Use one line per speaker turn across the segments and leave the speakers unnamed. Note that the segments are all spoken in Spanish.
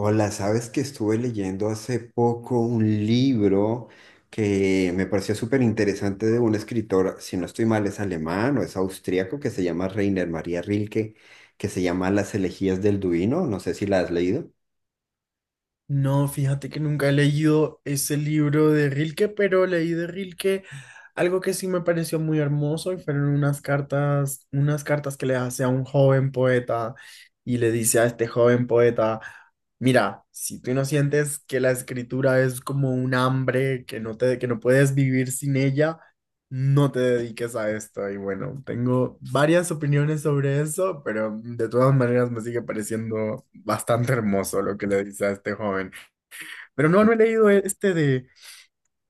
Hola, sabes que estuve leyendo hace poco un libro que me pareció súper interesante de un escritor, si no estoy mal, es alemán o es austríaco, que se llama Reiner María Rilke, que se llama Las elegías del Duino, no sé si la has leído.
No, fíjate que nunca he leído ese libro de Rilke, pero leí de Rilke algo que sí me pareció muy hermoso y fueron unas cartas que le hace a un joven poeta y le dice a este joven poeta, mira, si tú no sientes que la escritura es como un hambre, que no puedes vivir sin ella, no te dediques a esto. Y bueno, tengo varias opiniones sobre eso, pero de todas maneras me sigue pareciendo bastante hermoso lo que le dice a este joven. Pero no, no he leído este de,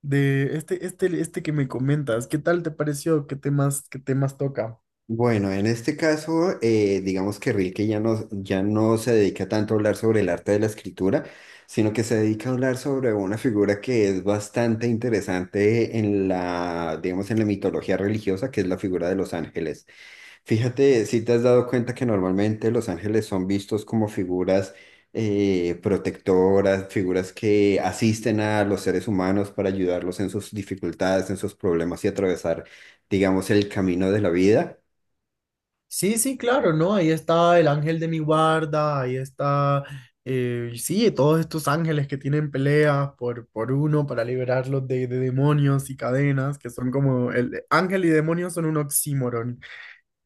de este, este, este que me comentas. ¿Qué tal te pareció? ¿Qué temas toca?
Bueno, en este caso, digamos que Rilke ya no se dedica tanto a hablar sobre el arte de la escritura, sino que se dedica a hablar sobre una figura que es bastante interesante en digamos, en la mitología religiosa, que es la figura de los ángeles. Fíjate, si te has dado cuenta que normalmente los ángeles son vistos como figuras protectoras, figuras que asisten a los seres humanos para ayudarlos en sus dificultades, en sus problemas y atravesar, digamos, el camino de la vida.
Sí, sí, claro, ¿no? Ahí está el ángel de mi guarda, ahí está, sí, todos estos ángeles que tienen peleas por uno para liberarlos de demonios y cadenas, que son como el ángel y demonio son un oxímoron.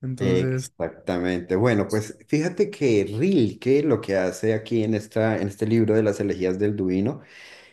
Entonces,
Exactamente. Bueno, pues fíjate que Rilke lo que hace aquí en en este libro de las elegías del Duino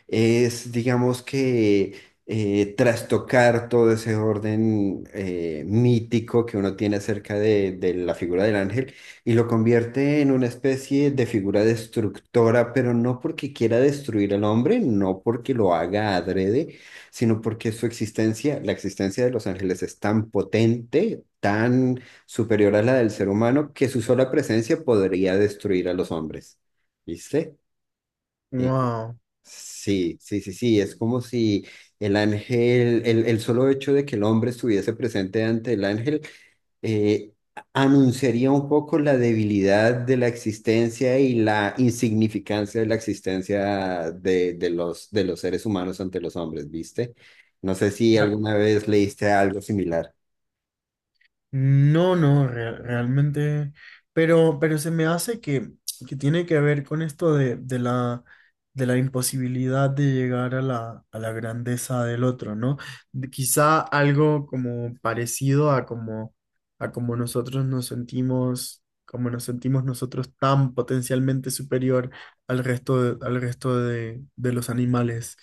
es, trastocar todo ese orden mítico que uno tiene acerca de la figura del ángel y lo convierte en una especie de figura destructora, pero no porque quiera destruir al hombre, no porque lo haga adrede, sino porque su existencia, la existencia de los ángeles es tan potente, tan superior a la del ser humano, que su sola presencia podría destruir a los hombres. ¿Viste?
wow.
Sí, es como si el solo hecho de que el hombre estuviese presente ante el ángel, eh, anunciaría un poco la debilidad de la existencia y la insignificancia de la existencia de los seres humanos ante los hombres, ¿viste? No sé si alguna vez leíste algo similar.
No, realmente, pero se me hace que tiene que ver con esto de la imposibilidad de llegar a la grandeza del otro, ¿no? Quizá algo como a como nosotros nos sentimos, como nos sentimos nosotros tan potencialmente superior al resto de los animales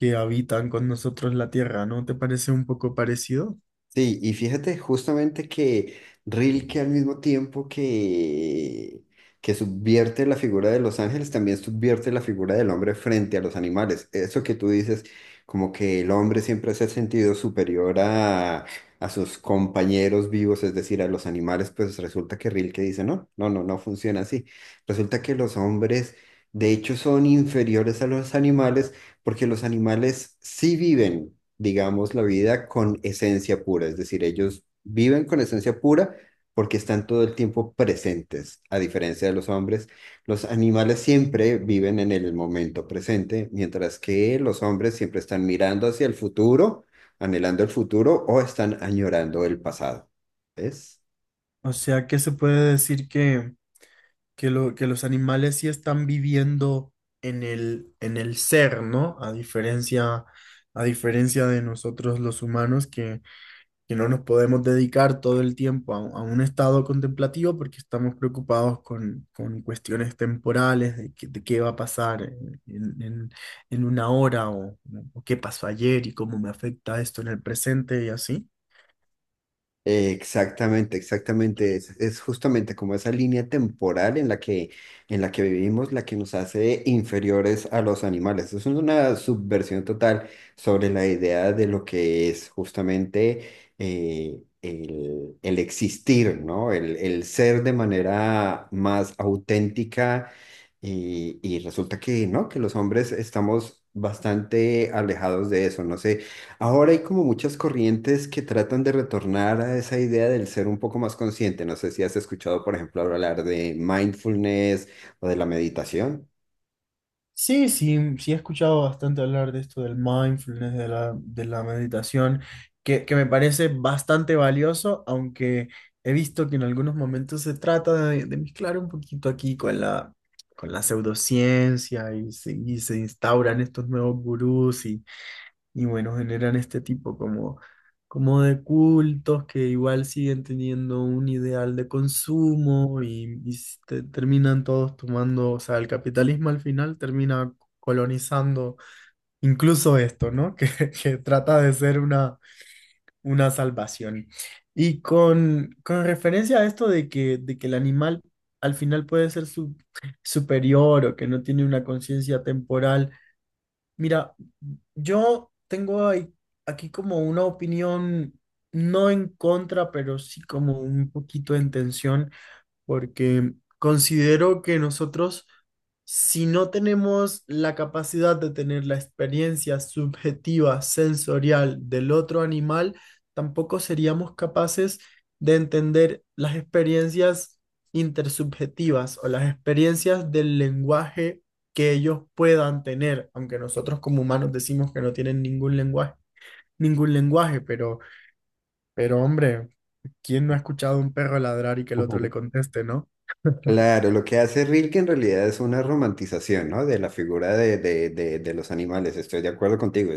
que habitan con nosotros la tierra, ¿no? ¿Te parece un poco parecido?
Sí, y fíjate justamente que Rilke al mismo tiempo que subvierte la figura de los ángeles, también subvierte la figura del hombre frente a los animales. Eso que tú dices, como que el hombre siempre se ha sentido superior a sus compañeros vivos, es decir, a los animales, pues resulta que Rilke dice, no, no, no, no funciona así. Resulta que los hombres, de hecho, son inferiores a los animales porque los animales sí viven digamos, la vida con esencia pura, es decir, ellos viven con esencia pura porque están todo el tiempo presentes, a diferencia de los hombres. Los animales siempre viven en el momento presente, mientras que los hombres siempre están mirando hacia el futuro, anhelando el futuro o están añorando el pasado. ¿Ves?
O sea que se puede decir que los animales sí están viviendo en el ser, ¿no? A diferencia de nosotros los humanos que no nos podemos dedicar todo el tiempo a un estado contemplativo porque estamos preocupados con cuestiones temporales de qué va a pasar en- en una hora o qué pasó ayer y cómo me afecta esto en el presente y así.
Exactamente, exactamente. Es justamente como esa línea temporal en en la que vivimos la que nos hace inferiores a los animales. Es una subversión total sobre la idea de lo que es justamente el existir, ¿no? El ser de manera más auténtica y resulta que, ¿no? Que los hombres estamos bastante alejados de eso. No sé. Ahora hay como muchas corrientes que tratan de retornar a esa idea del ser un poco más consciente. No sé si has escuchado, por ejemplo, hablar de mindfulness o de la meditación.
Sí, sí, sí he escuchado bastante hablar de esto del mindfulness, de la meditación, que me parece bastante valioso, aunque he visto que en algunos momentos se trata de mezclar un poquito aquí con la pseudociencia y se instauran estos nuevos gurús y bueno, generan este tipo como, como de cultos que igual siguen teniendo un ideal de consumo y terminan todos tomando, o sea, el capitalismo al final termina colonizando incluso esto, ¿no? Que trata de ser una salvación. Y con referencia a esto de que el animal al final puede ser superior o que no tiene una conciencia temporal. Mira, yo tengo ahí- aquí como una opinión no en contra, pero sí como un poquito en tensión porque considero que nosotros, si no tenemos la capacidad de tener la experiencia subjetiva, sensorial del otro animal, tampoco seríamos capaces de entender las experiencias intersubjetivas o las experiencias del lenguaje que ellos puedan tener, aunque nosotros como humanos decimos que no tienen ningún lenguaje, pero hombre, ¿quién no ha escuchado a un perro ladrar y que el otro le
Ujú.
conteste, no?
Claro, lo que hace Rilke en realidad es una romantización, ¿no? De la figura de los animales. Estoy de acuerdo contigo.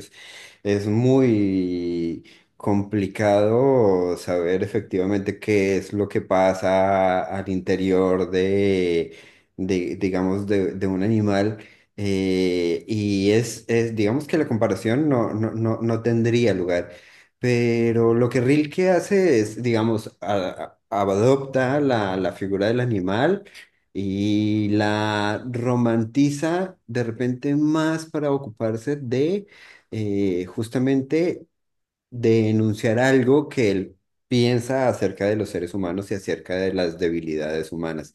Es muy complicado saber efectivamente qué es lo que pasa al interior de, digamos, de un animal. Digamos que la comparación no tendría lugar. Pero lo que Rilke hace es, digamos, adopta la figura del animal y la romantiza de repente más para ocuparse de justamente denunciar algo que él piensa acerca de los seres humanos y acerca de las debilidades humanas.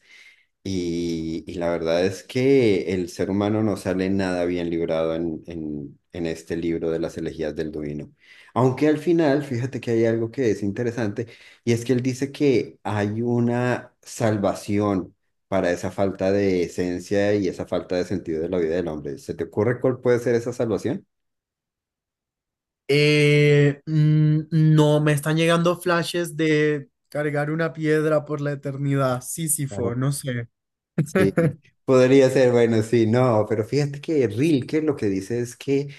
Y la verdad es que el ser humano no sale nada bien librado en este libro de las elegías del Duino. Aunque al final, fíjate que hay algo que es interesante, y es que él dice que hay una salvación para esa falta de esencia y esa falta de sentido de la vida del hombre. ¿Se te ocurre cuál puede ser esa salvación?
No, me están llegando flashes de cargar una piedra por la eternidad, Sísifo, no sé.
Sí, podría ser, bueno, sí, no, pero fíjate que Rilke lo que dice es que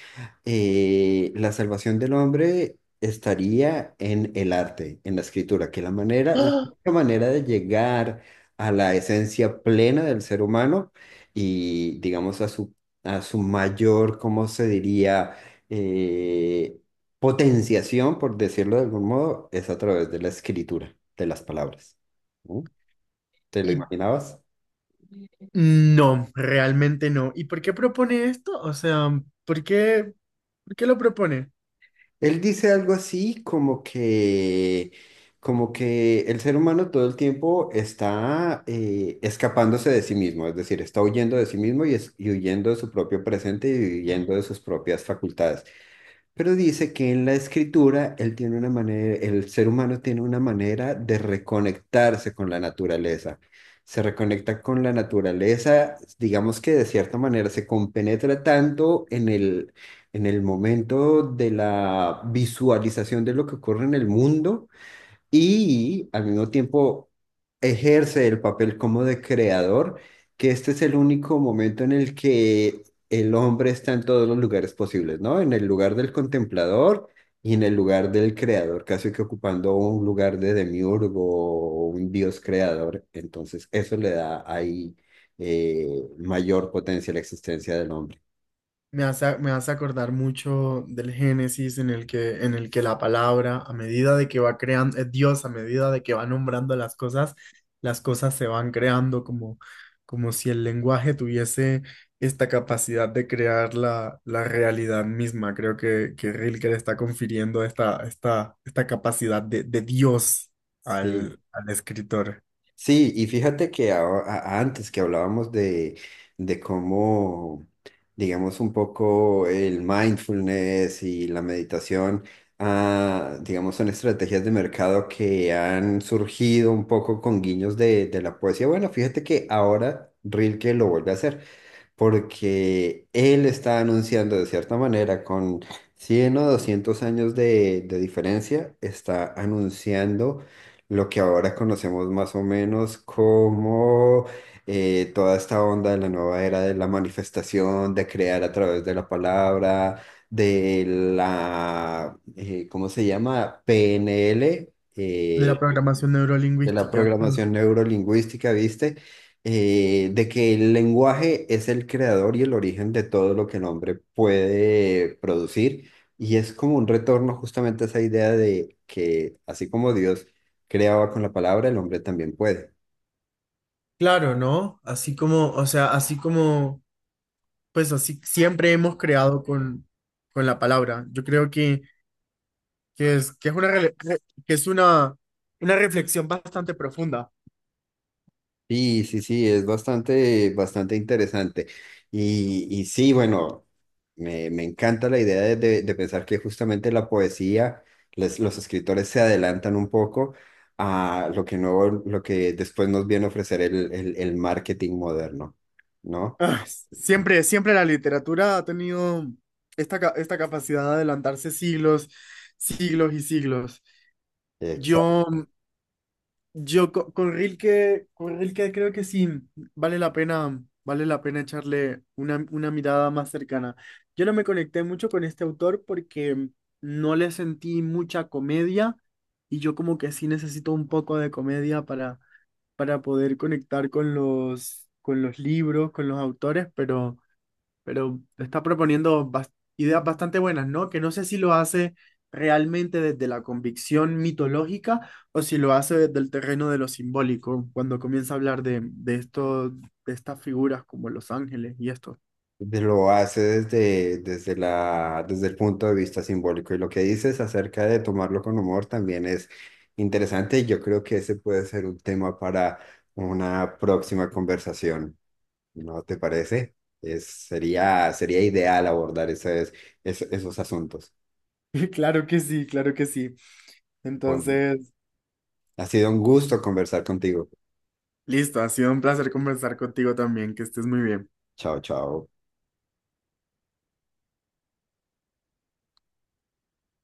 la salvación del hombre estaría en el arte, en la escritura, que la manera, la única manera de llegar a la esencia plena del ser humano y, digamos, a a su mayor, ¿cómo se diría? Eh, Potenciación, por decirlo de algún modo, es a través de la escritura, de las palabras. ¿No? ¿Te lo
Y
imaginabas?
no, realmente no. ¿Y por qué propone esto? O sea, ¿por qué, por qué lo propone?
Él dice algo así como como que el ser humano todo el tiempo está escapándose de sí mismo, es decir, está huyendo de sí mismo y huyendo de su propio presente y huyendo de sus propias facultades. Pero dice que en la escritura él tiene una manera, el ser humano tiene una manera de reconectarse con la naturaleza. Se reconecta con la naturaleza, digamos que de cierta manera se compenetra tanto en en el momento de la visualización de lo que ocurre en el mundo y al mismo tiempo ejerce el papel como de creador, que este es el único momento en el que el hombre está en todos los lugares posibles, ¿no? En el lugar del contemplador y en el lugar del creador, casi que ocupando un lugar de demiurgo o un dios creador. Entonces, eso le da ahí mayor potencia a la existencia del hombre.
Me hace acordar mucho del Génesis en el en el que la palabra, a medida de que va creando, Dios, a medida de que va nombrando las cosas se van creando como, como si el lenguaje tuviese esta capacidad de crear la, la realidad misma. Creo que Rilke le está confiriendo esta capacidad de Dios
Sí,
al escritor.
sí, y fíjate que antes que hablábamos de cómo, digamos, un poco el mindfulness y la meditación, ah, digamos, son estrategias de mercado que han surgido un poco con guiños de la poesía. Bueno, fíjate que ahora Rilke lo vuelve a hacer porque él está anunciando de cierta manera, con 100 o 200 años de diferencia, está anunciando lo que ahora conocemos más o menos como toda esta onda de la nueva era de la manifestación, de crear a través de la palabra, de la, ¿cómo se llama? PNL.
De la programación
De la
neurolingüística. Mm.
programación neurolingüística, ¿viste? De que el lenguaje es el creador y el origen de todo lo que el hombre puede producir. Y es como un retorno justamente a esa idea de que así como Dios creaba con la palabra, el hombre también puede.
Claro, ¿no? Así como, o sea, así como pues así siempre hemos creado con la palabra. Yo creo que es una una reflexión bastante profunda.
Sí, es bastante, bastante interesante. Y sí, bueno, me encanta la idea de pensar que justamente la poesía, los escritores se adelantan un poco a lo que no, lo que después nos viene a ofrecer el marketing moderno, ¿no?
Ah, siempre, siempre la literatura ha tenido esta capacidad de adelantarse siglos, siglos y siglos.
Exacto.
Yo Yo co- con, Rilke, Con Rilke creo que sí, vale la pena echarle una mirada más cercana. Yo no me conecté mucho con este autor porque no le sentí mucha comedia y yo como que sí necesito un poco de comedia para poder conectar con los libros, con los autores, pero está proponiendo ideas bastante buenas, ¿no? Que no sé si lo hace realmente desde la convicción mitológica o si lo hace desde el terreno de lo simbólico, cuando comienza a hablar de esto, de estas figuras como los ángeles y esto.
Lo hace desde, desde el punto de vista simbólico. Y lo que dices acerca de tomarlo con humor también es interesante. Yo creo que ese puede ser un tema para una próxima conversación. ¿No te parece? Sería ideal abordar esos asuntos.
Claro que sí, claro que sí.
Bueno,
Entonces,
ha sido un gusto conversar contigo.
listo, ha sido un placer conversar contigo también, que estés muy bien.
Chao, chao.